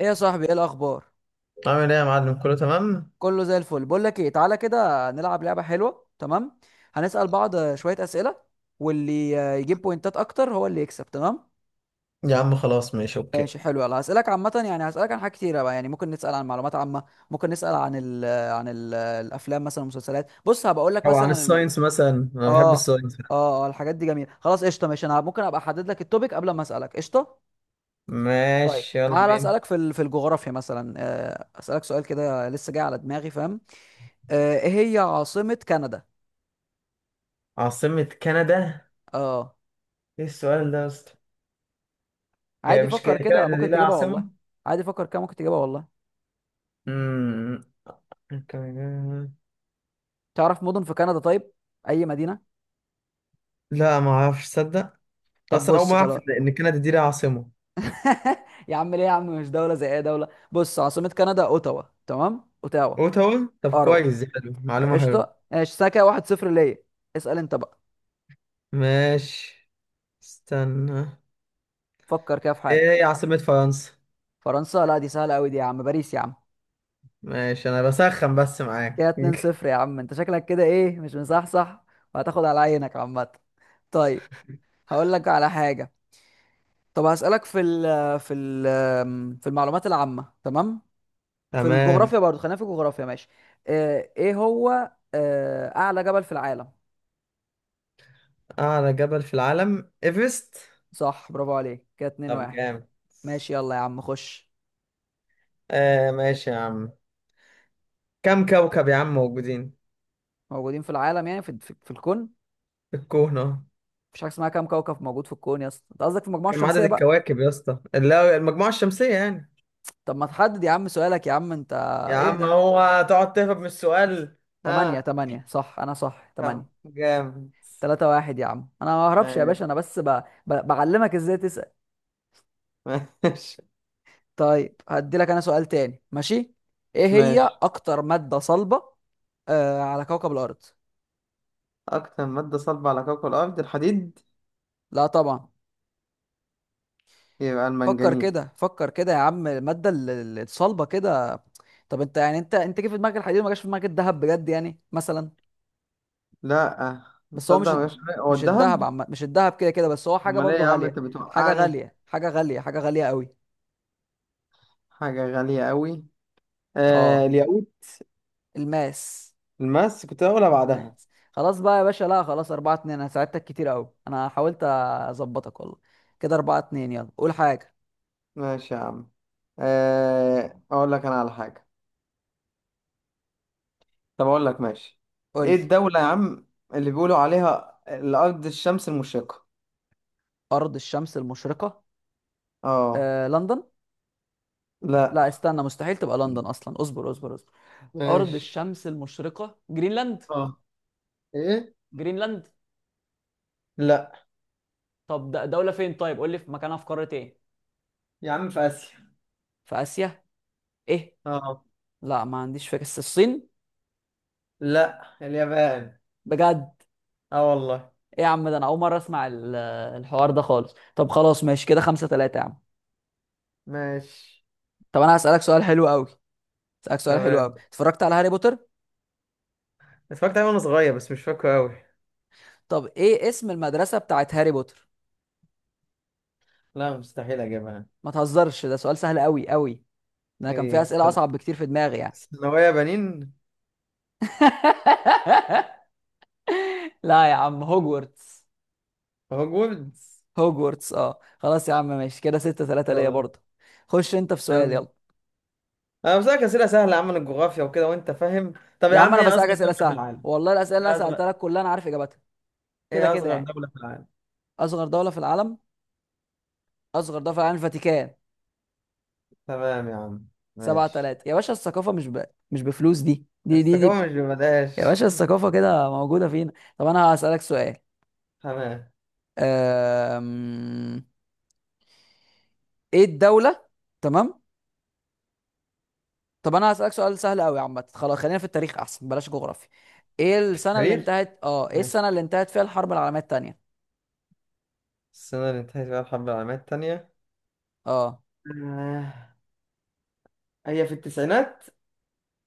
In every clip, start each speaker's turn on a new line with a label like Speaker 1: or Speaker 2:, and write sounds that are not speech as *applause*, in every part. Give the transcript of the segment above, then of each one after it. Speaker 1: ايه يا صاحبي، ايه الاخبار؟
Speaker 2: عامل ايه يا معلم؟ كله تمام.
Speaker 1: كله زي الفل. بقول لك ايه، تعالى كده نلعب لعبه حلوه، تمام؟ هنسال بعض شويه اسئله، واللي يجيب بوينتات اكتر هو اللي يكسب، تمام؟
Speaker 2: يا عم خلاص، ماشي اوكي.
Speaker 1: ماشي حلو، يلا هسالك. عامه يعني هسالك عن حاجات كتيره بقى، يعني ممكن نسال عن معلومات عامه، ممكن نسال عن ال... الافلام مثلا والمسلسلات. بص هبقول لك
Speaker 2: او عن
Speaker 1: مثلا ال...
Speaker 2: الساينس مثلا، انا بحب
Speaker 1: اه
Speaker 2: الساينس.
Speaker 1: اه الحاجات دي جميله، خلاص قشطه. ماشي، انا ممكن ابقى احدد لك التوبيك قبل ما اسالك، قشطه؟ طيب
Speaker 2: ماشي يلا
Speaker 1: تعالى
Speaker 2: بينا.
Speaker 1: اسالك في في الجغرافيا مثلا، اسالك سؤال كده لسه جاي على دماغي، فاهم؟ ايه هي عاصمة كندا؟
Speaker 2: عاصمة كندا؟
Speaker 1: اه.
Speaker 2: ايه السؤال ده يا اسطى؟ هي
Speaker 1: عادي،
Speaker 2: مش
Speaker 1: فكر كده،
Speaker 2: كندا دي
Speaker 1: ممكن
Speaker 2: لها
Speaker 1: تجيبها والله.
Speaker 2: عاصمة؟
Speaker 1: عادي، فكر كده، ممكن تجيبها والله.
Speaker 2: امم.
Speaker 1: تعرف مدن في كندا؟ طيب، اي مدينة؟
Speaker 2: لا ما اعرفش تصدق.
Speaker 1: طب
Speaker 2: اصلا اول
Speaker 1: بص
Speaker 2: ما اعرف
Speaker 1: خلاص.
Speaker 2: إن كندا دي لها عاصمة.
Speaker 1: *laughs* يا عم، ليه يا عم؟ مش دولة زي اي دولة؟ بص، عاصمة كندا اوتاوا، تمام؟ اوتاوا.
Speaker 2: اوتاوا؟ طب
Speaker 1: اروى.
Speaker 2: كويس، دي حلو، معلومة حلوة.
Speaker 1: قشطة ماشي، ساكا 1-0 ليا. اسأل انت بقى.
Speaker 2: ماشي، استنى.
Speaker 1: فكر كده في
Speaker 2: ايه
Speaker 1: حاجة.
Speaker 2: هي عاصمة فرنسا؟
Speaker 1: فرنسا؟ لا دي سهلة قوي دي يا عم، باريس يا عم.
Speaker 2: ماشي انا بسخن بس
Speaker 1: كده
Speaker 2: معاك.
Speaker 1: 2
Speaker 2: *laughs*
Speaker 1: 0 يا عم، انت شكلك كده ايه، مش مصحصح. وهتاخد على عينك عامة. طيب، هقول لك على حاجة. طب هسألك في ال في المعلومات العامة، تمام؟ في
Speaker 2: تمام.
Speaker 1: الجغرافيا برضو، خلينا في الجغرافيا، ماشي. ايه هو اعلى جبل في العالم؟
Speaker 2: أعلى جبل في العالم إيفرست.
Speaker 1: صح، برافو عليك، كده اتنين
Speaker 2: طب
Speaker 1: واحد
Speaker 2: جامد.
Speaker 1: ماشي يلا يا عم، خش.
Speaker 2: ماشي يا عم. كم كوكب يا عم موجودين؟
Speaker 1: موجودين في العالم يعني في الكون.
Speaker 2: في الكون أهو.
Speaker 1: مفيش حاجة اسمها كام كوكب موجود في الكون يا اسطى، انت قصدك في المجموعة
Speaker 2: كم عدد
Speaker 1: الشمسية بقى.
Speaker 2: الكواكب يا اسطى، اللي هو المجموعة الشمسية يعني؟
Speaker 1: طب ما تحدد يا عم سؤالك يا عم انت.
Speaker 2: يا
Speaker 1: ايه
Speaker 2: عم
Speaker 1: ده؟
Speaker 2: هو تقعد تهرب من السؤال!
Speaker 1: تمانية،
Speaker 2: ها؟
Speaker 1: تمانية صح، انا صح، تمانية.
Speaker 2: طب جامد.
Speaker 1: 3-1 يا عم، انا ما ههربش يا
Speaker 2: ماشي،
Speaker 1: باشا، انا بس بعلمك ازاي.
Speaker 2: ماشي،
Speaker 1: طيب هدي لك انا سؤال تاني، ماشي؟ ايه هي
Speaker 2: ماشي.
Speaker 1: اكتر مادة صلبة على كوكب الارض؟
Speaker 2: أكتر مادة صلبة على كوكب الأرض الحديد.
Speaker 1: لا طبعا.
Speaker 2: يبقى
Speaker 1: فكر
Speaker 2: المنجنيز.
Speaker 1: كده، فكر كده يا عم، المادة الصلبة كده. طب انت يعني، انت جه في دماغك الحديد وما جاش في دماغك الذهب، بجد يعني مثلا؟
Speaker 2: لأ.
Speaker 1: بس هو مش
Speaker 2: مصدق مش هو
Speaker 1: الذهب،
Speaker 2: الذهب.
Speaker 1: عم... مش الذهب كده كده، بس هو حاجة
Speaker 2: أمال إيه
Speaker 1: برضو
Speaker 2: يا عم
Speaker 1: غالية.
Speaker 2: أنت
Speaker 1: حاجة
Speaker 2: بتوقعني؟
Speaker 1: غالية، حاجة غالية، حاجة غالية قوي.
Speaker 2: حاجة غالية أوي. آه،
Speaker 1: اه،
Speaker 2: الياقوت.
Speaker 1: الماس.
Speaker 2: الماس، كنت هقولها بعدها.
Speaker 1: نايس، خلاص بقى يا باشا. لا خلاص، 4-2، أنا ساعدتك كتير أوي، أنا حاولت أظبطك والله. كده 4-2، يلا قول حاجة.
Speaker 2: ماشي يا عم. اقول لك انا على حاجة. طب اقول لك ماشي.
Speaker 1: قول
Speaker 2: ايه
Speaker 1: لي.
Speaker 2: الدولة يا عم اللي بيقولوا عليها الارض الشمس المشرقة؟
Speaker 1: أرض الشمس المشرقة،
Speaker 2: اه.
Speaker 1: لندن. لا
Speaker 2: لا.
Speaker 1: استنى، مستحيل تبقى لندن أصلا، اصبر اصبر اصبر. أرض
Speaker 2: ماشي.
Speaker 1: الشمس المشرقة، جرينلاند.
Speaker 2: اه. ايه؟
Speaker 1: جرينلاند.
Speaker 2: لا
Speaker 1: طب دولة فين طيب، قول لي في مكانها في قارة إيه.
Speaker 2: يا عم، في اسيا.
Speaker 1: في آسيا؟ إيه؟
Speaker 2: اه.
Speaker 1: لا ما عنديش فكرة، بس الصين.
Speaker 2: لا، اليابان.
Speaker 1: بجد؟
Speaker 2: اه والله.
Speaker 1: إيه يا عم، ده أنا أول مرة أسمع الحوار ده خالص. طب خلاص ماشي، كده 5-3 يا عم.
Speaker 2: ماشي.
Speaker 1: طب أنا هسألك سؤال حلو أوي، اسالك سؤال حلو قوي.
Speaker 2: تمام.
Speaker 1: اتفرجت على هاري بوتر؟
Speaker 2: اتفرجت عليها وانا صغير بس مش فاكره قوي.
Speaker 1: طب ايه اسم المدرسه بتاعت هاري بوتر؟
Speaker 2: لا مستحيل اجيبها.
Speaker 1: ما تهزرش، ده سؤال سهل قوي قوي، ده انا كان في
Speaker 2: ايه،
Speaker 1: اسئله
Speaker 2: استنى.
Speaker 1: اصعب بكتير في دماغي يعني.
Speaker 2: ثانوية بنين.
Speaker 1: *laughs* لا يا عم، هوجورتس.
Speaker 2: هوجوردز.
Speaker 1: هوجورتس، اه خلاص يا عم ماشي، كده 6-3 ليا
Speaker 2: خلاص.
Speaker 1: برضه. خش انت في سؤال،
Speaker 2: تمام.
Speaker 1: يلا.
Speaker 2: انا بسألك اسئله سهله يا عم عن الجغرافيا وكده وانت فاهم. طب
Speaker 1: يا
Speaker 2: يا
Speaker 1: عم
Speaker 2: عم،
Speaker 1: انا
Speaker 2: ايه
Speaker 1: بسألك
Speaker 2: اصغر
Speaker 1: اسئله
Speaker 2: دوله في
Speaker 1: سهله
Speaker 2: العالم؟
Speaker 1: والله، الاسئله اللي انا
Speaker 2: ايه
Speaker 1: سالتها
Speaker 2: اصغر؟
Speaker 1: لك كلها انا عارف اجابتها، كده
Speaker 2: ايه
Speaker 1: كده
Speaker 2: اصغر
Speaker 1: يعني.
Speaker 2: دوله في العالم؟
Speaker 1: اصغر دوله في العالم، اصغر دوله في العالم الفاتيكان.
Speaker 2: تمام يا عم،
Speaker 1: سبعة
Speaker 2: ماشي.
Speaker 1: ثلاثة يا باشا، الثقافه مش مش بفلوس، دي دي دي دي
Speaker 2: الثقافه مش
Speaker 1: يا
Speaker 2: ببلاش.
Speaker 1: باشا، الثقافة كده موجودة فينا. طب أنا هسألك سؤال،
Speaker 2: *laughs* تمام.
Speaker 1: أم... إيه الدولة، تمام؟ طب أنا هسألك سؤال سهل أوي عامة، خلاص خلينا في التاريخ أحسن، بلاش جغرافيا. إيه السنة اللي
Speaker 2: تاريخ.
Speaker 1: انتهت إيه
Speaker 2: ماشي.
Speaker 1: السنة اللي انتهت فيها الحرب العالمية التانية؟
Speaker 2: السنه اللي انتهت فيها الحرب العالميه التانيه؟
Speaker 1: أه.
Speaker 2: آه، هي في التسعينات.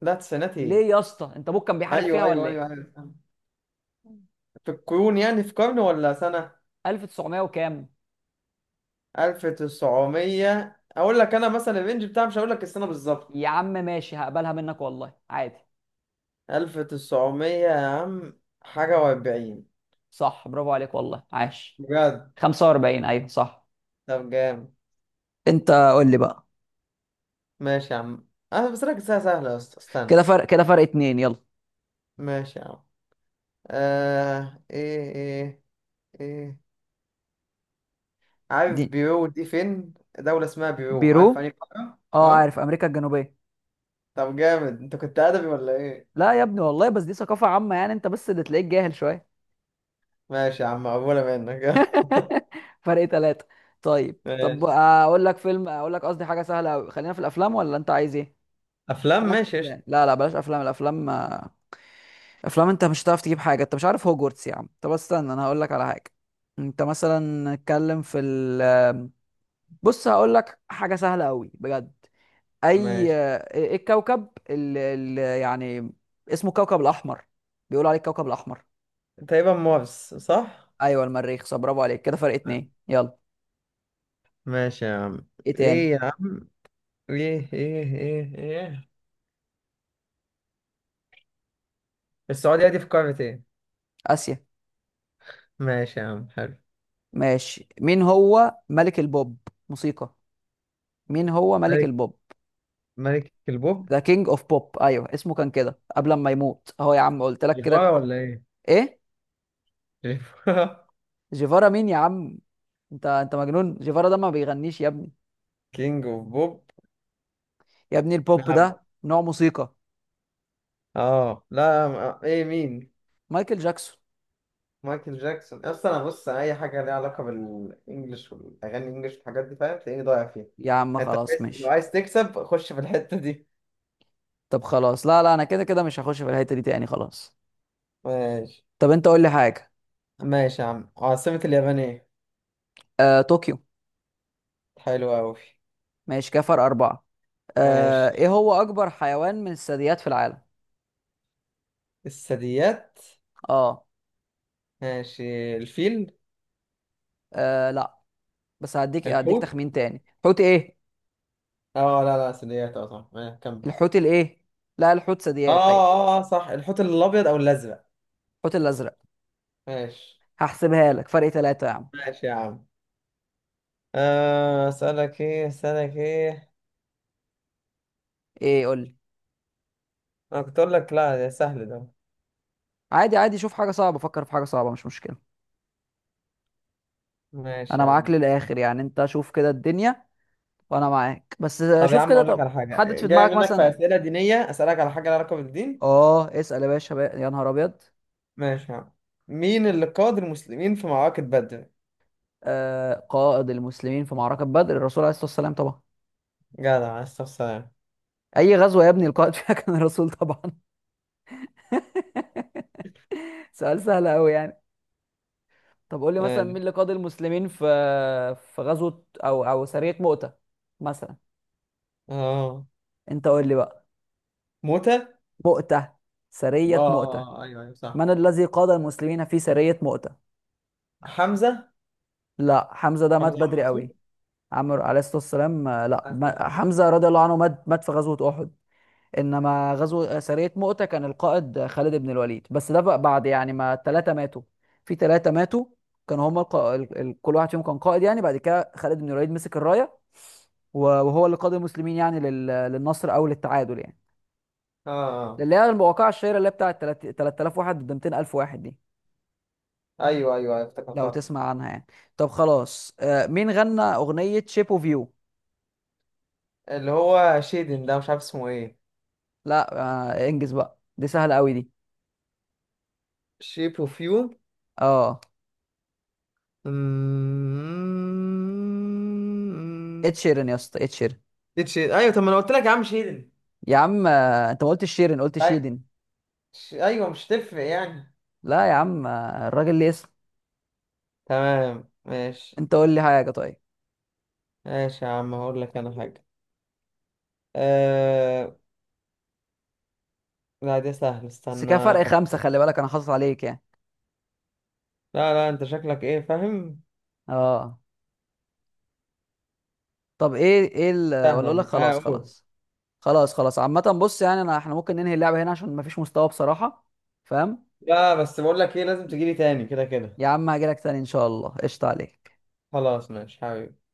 Speaker 2: لا التسعينات ايه.
Speaker 1: ليه يا اسطى، أنت أبوك كان بيحارب فيها
Speaker 2: ايوه ايوه
Speaker 1: ولا
Speaker 2: ايوه
Speaker 1: إيه؟
Speaker 2: ايوه. في القرون يعني، في قرن ولا سنه؟
Speaker 1: 1900 وكام؟
Speaker 2: 1900 اقول لك انا، مثلا الرينج بتاعها، مش هقول لك السنه بالظبط.
Speaker 1: يا عم ماشي، هقبلها منك والله عادي.
Speaker 2: 1900 يا عم حاجه و40.
Speaker 1: صح، برافو عليك والله، عاش.
Speaker 2: بجد؟
Speaker 1: 45، أيوه صح.
Speaker 2: طب جامد.
Speaker 1: أنت قول لي بقى.
Speaker 2: ماشي يا عم. انا بس لك الساعة سهلة يا اسطى، استنى.
Speaker 1: كده فرق اتنين، يلا.
Speaker 2: ماشي يا عم. ايه ايه. عارف
Speaker 1: دي
Speaker 2: بيرو دي فين؟ دولة اسمها بيرو، عارف في
Speaker 1: بيرو،
Speaker 2: أنهي قارة؟
Speaker 1: اه
Speaker 2: اه.
Speaker 1: عارف، امريكا الجنوبيه.
Speaker 2: طب جامد، انت كنت ادبي ولا ايه؟
Speaker 1: لا يا ابني والله، بس دي ثقافه عامه يعني، انت بس اللي تلاقيك جاهل شويه.
Speaker 2: ماشي يا عم، مقبولة منك. *laughs*
Speaker 1: فرق ثلاثة. طيب، طب
Speaker 2: ماشي.
Speaker 1: اقول لك فيلم، اقول لك قصدي حاجه سهله أوي. خلينا في الافلام ولا انت عايز ايه؟
Speaker 2: افلام،
Speaker 1: بلاش
Speaker 2: ماشي قشطة.
Speaker 1: افلام، لا لا بلاش افلام، الافلام افلام، انت مش هتعرف تجيب حاجه، انت مش عارف هوجورتس يا عم. طب استنى، انا هقول لك على حاجه. انت مثلا اتكلم في ال... بص هقول لك حاجه سهله قوي بجد. اي
Speaker 2: ماشي.
Speaker 1: آه، ايه الكوكب اللي يعني اسمه الكوكب الاحمر، بيقولوا عليه الكوكب الاحمر؟
Speaker 2: تقريبا مارس، صح؟
Speaker 1: ايوه المريخ، صح برافو عليك، كده فرق اتنين، يلا.
Speaker 2: ماشي يا عم.
Speaker 1: ايه
Speaker 2: ايه
Speaker 1: تاني؟
Speaker 2: يا عم؟ ايه ايه. السعودية دي في قارة ايه؟
Speaker 1: اسيا.
Speaker 2: ماشي يا عم، حلو.
Speaker 1: ماشي، مين هو ملك البوب؟ موسيقى، مين هو ملك
Speaker 2: ملك
Speaker 1: البوب؟
Speaker 2: ملك البوب؟
Speaker 1: ذا كينج اوف بوب، ايوه اسمه كان كده قبل ما يموت اهو، يا عم قلت لك
Speaker 2: جيفارا
Speaker 1: كده.
Speaker 2: ولا ايه؟
Speaker 1: ايه؟
Speaker 2: *laughs*
Speaker 1: جيفارا مين يا عم؟ انت مجنون، جيفارا ده ما بيغنيش يا ابني.
Speaker 2: كينج اوف بوب.
Speaker 1: يا ابني، البوب
Speaker 2: نعم.
Speaker 1: ده نوع موسيقى.
Speaker 2: اه، لا ما- ايه مين؟
Speaker 1: مايكل جاكسون.
Speaker 2: مايكل جاكسون؟ اصلا انا بص، اي حاجه ليها علاقه بالانجلش والاغاني الانجلش والحاجات دي فاهم، تلاقيني ضايع فيها.
Speaker 1: يا عم
Speaker 2: انت
Speaker 1: خلاص
Speaker 2: عايز، لو
Speaker 1: ماشي.
Speaker 2: عايز تكسب خش في الحته دي.
Speaker 1: طب خلاص، لا لا انا كده كده مش هخش في الحته دي تاني، خلاص.
Speaker 2: ماشي.
Speaker 1: طب انت قول لي حاجه.
Speaker 2: ماشي يا عم، عاصمه اليابان ايه؟
Speaker 1: طوكيو.
Speaker 2: حلو قوي.
Speaker 1: ماشي، كفر أربعة.
Speaker 2: ماشي.
Speaker 1: ايه هو اكبر حيوان من الثدييات في العالم؟
Speaker 2: الثدييات.
Speaker 1: اه.
Speaker 2: ماشي، الفيل.
Speaker 1: لا. بس هديك
Speaker 2: الحوت.
Speaker 1: تخمين تاني، حوت ايه؟
Speaker 2: اه لا لا، ثدييات، اه صح، كمل.
Speaker 1: الحوت الايه؟ لا الحوت ثدييات، ايوه.
Speaker 2: صح، الحوت الابيض او الازرق.
Speaker 1: الحوت الازرق.
Speaker 2: ماشي.
Speaker 1: هحسبها لك، فرق ثلاثة يا عم.
Speaker 2: ماشي يا عم. اسالك ايه؟
Speaker 1: ايه قول لي.
Speaker 2: انا كنت اقول لك لا ده سهل ده.
Speaker 1: عادي عادي، شوف حاجة صعبة، فكر في حاجة صعبة مش مشكلة.
Speaker 2: ماشي
Speaker 1: انا
Speaker 2: يا
Speaker 1: معاك
Speaker 2: عم.
Speaker 1: للاخر يعني، انت شوف كده الدنيا، وانا معاك، بس
Speaker 2: طب يا
Speaker 1: شوف
Speaker 2: عم
Speaker 1: كده،
Speaker 2: اقول لك
Speaker 1: طب.
Speaker 2: على حاجه
Speaker 1: حدد في
Speaker 2: جايه
Speaker 1: دماغك
Speaker 2: منك، في
Speaker 1: مثلا.
Speaker 2: اسئله دينيه، اسالك على حاجه لها علاقه بالدين.
Speaker 1: اه اسأل يا باشا بقى. يا نهار ابيض.
Speaker 2: ماشي يا عم. مين اللي قاد المسلمين في معركه بدر؟
Speaker 1: قائد المسلمين في معركة بدر الرسول عليه الصلاة والسلام طبعا،
Speaker 2: جدع، عليه الصلاه والسلام.
Speaker 1: اي غزوة يا ابني القائد فيها كان الرسول طبعا. *laughs* سؤال سهل قوي يعني. طب قول لي مثلا،
Speaker 2: ماشي.
Speaker 1: مين اللي قاد المسلمين في، في غزوة او سرية مؤتة مثلا.
Speaker 2: اه.
Speaker 1: انت قول لي بقى.
Speaker 2: موته، اه.
Speaker 1: مؤتة، سرية مؤتة.
Speaker 2: ايوه ايوه صح.
Speaker 1: من الذي قاد المسلمين في سرية مؤتة؟
Speaker 2: حمزه.
Speaker 1: لا، حمزة ده مات
Speaker 2: حمزه عم
Speaker 1: بدري قوي.
Speaker 2: الرسول.
Speaker 1: عمرو عليه الصلاة والسلام. لا
Speaker 2: اه.
Speaker 1: حمزة رضي الله عنه مات في غزوة أحد، انما غزو سريه مؤتة كان القائد خالد بن الوليد، بس ده بقى بعد يعني ما الثلاثه ماتوا. في ثلاثه ماتوا كانوا هم كل واحد فيهم كان قائد يعني، بعد كده خالد بن الوليد مسك الرايه وهو اللي قاد المسلمين يعني للنصر او للتعادل يعني،
Speaker 2: اه آه.
Speaker 1: اللي هي الواقعه الشهيره اللي هي بتاعت 3000 واحد ضد 200000 واحد دي،
Speaker 2: ايوه ايوه أيوة،
Speaker 1: لو
Speaker 2: افتكرتها.
Speaker 1: تسمع عنها يعني. طب خلاص، آه مين غنى اغنيه شيب اوف يو؟
Speaker 2: اللي هو شيدن ده، مش عارف اسمه ايه.
Speaker 1: لا. انجز بقى، دي سهله قوي دي.
Speaker 2: شيب اوف يو.
Speaker 1: اه
Speaker 2: أمم.
Speaker 1: اتشيرن يا اسطى، اتشيرن.
Speaker 2: اتش، ايوه طب ما انا قلت لك يا عم شيلن.
Speaker 1: يا عم انت ما قلتش شيرين، قلت
Speaker 2: أي-
Speaker 1: شيدن.
Speaker 2: ايوه مش تفرق يعني؟
Speaker 1: لا يا عم، الراجل ليه اسم.
Speaker 2: تمام ماشي.
Speaker 1: انت قول لي حاجه طيب.
Speaker 2: ماشي يا عم هقول لك انا حاجه. أه... لا دي سهله،
Speaker 1: بس
Speaker 2: استنى
Speaker 1: كده فرق خمسه،
Speaker 2: افكر.
Speaker 1: خلي بالك انا حاصل عليك يعني.
Speaker 2: لا لا، انت شكلك ايه فاهم.
Speaker 1: اه. طب ايه ايه ال... ولا
Speaker 2: سهله
Speaker 1: اقول لك،
Speaker 2: دي، اه
Speaker 1: خلاص
Speaker 2: قول.
Speaker 1: خلاص. خلاص خلاص عامه، بص يعني انا، احنا ممكن ننهي اللعبه هنا عشان مفيش مستوى بصراحه، فاهم؟
Speaker 2: لا بس بقول لك ايه، لازم تجيلي تاني كده كده.
Speaker 1: يا عم هاجي لك تاني ان شاء الله، قشطه عليك.
Speaker 2: خلاص ماشي حبيبي.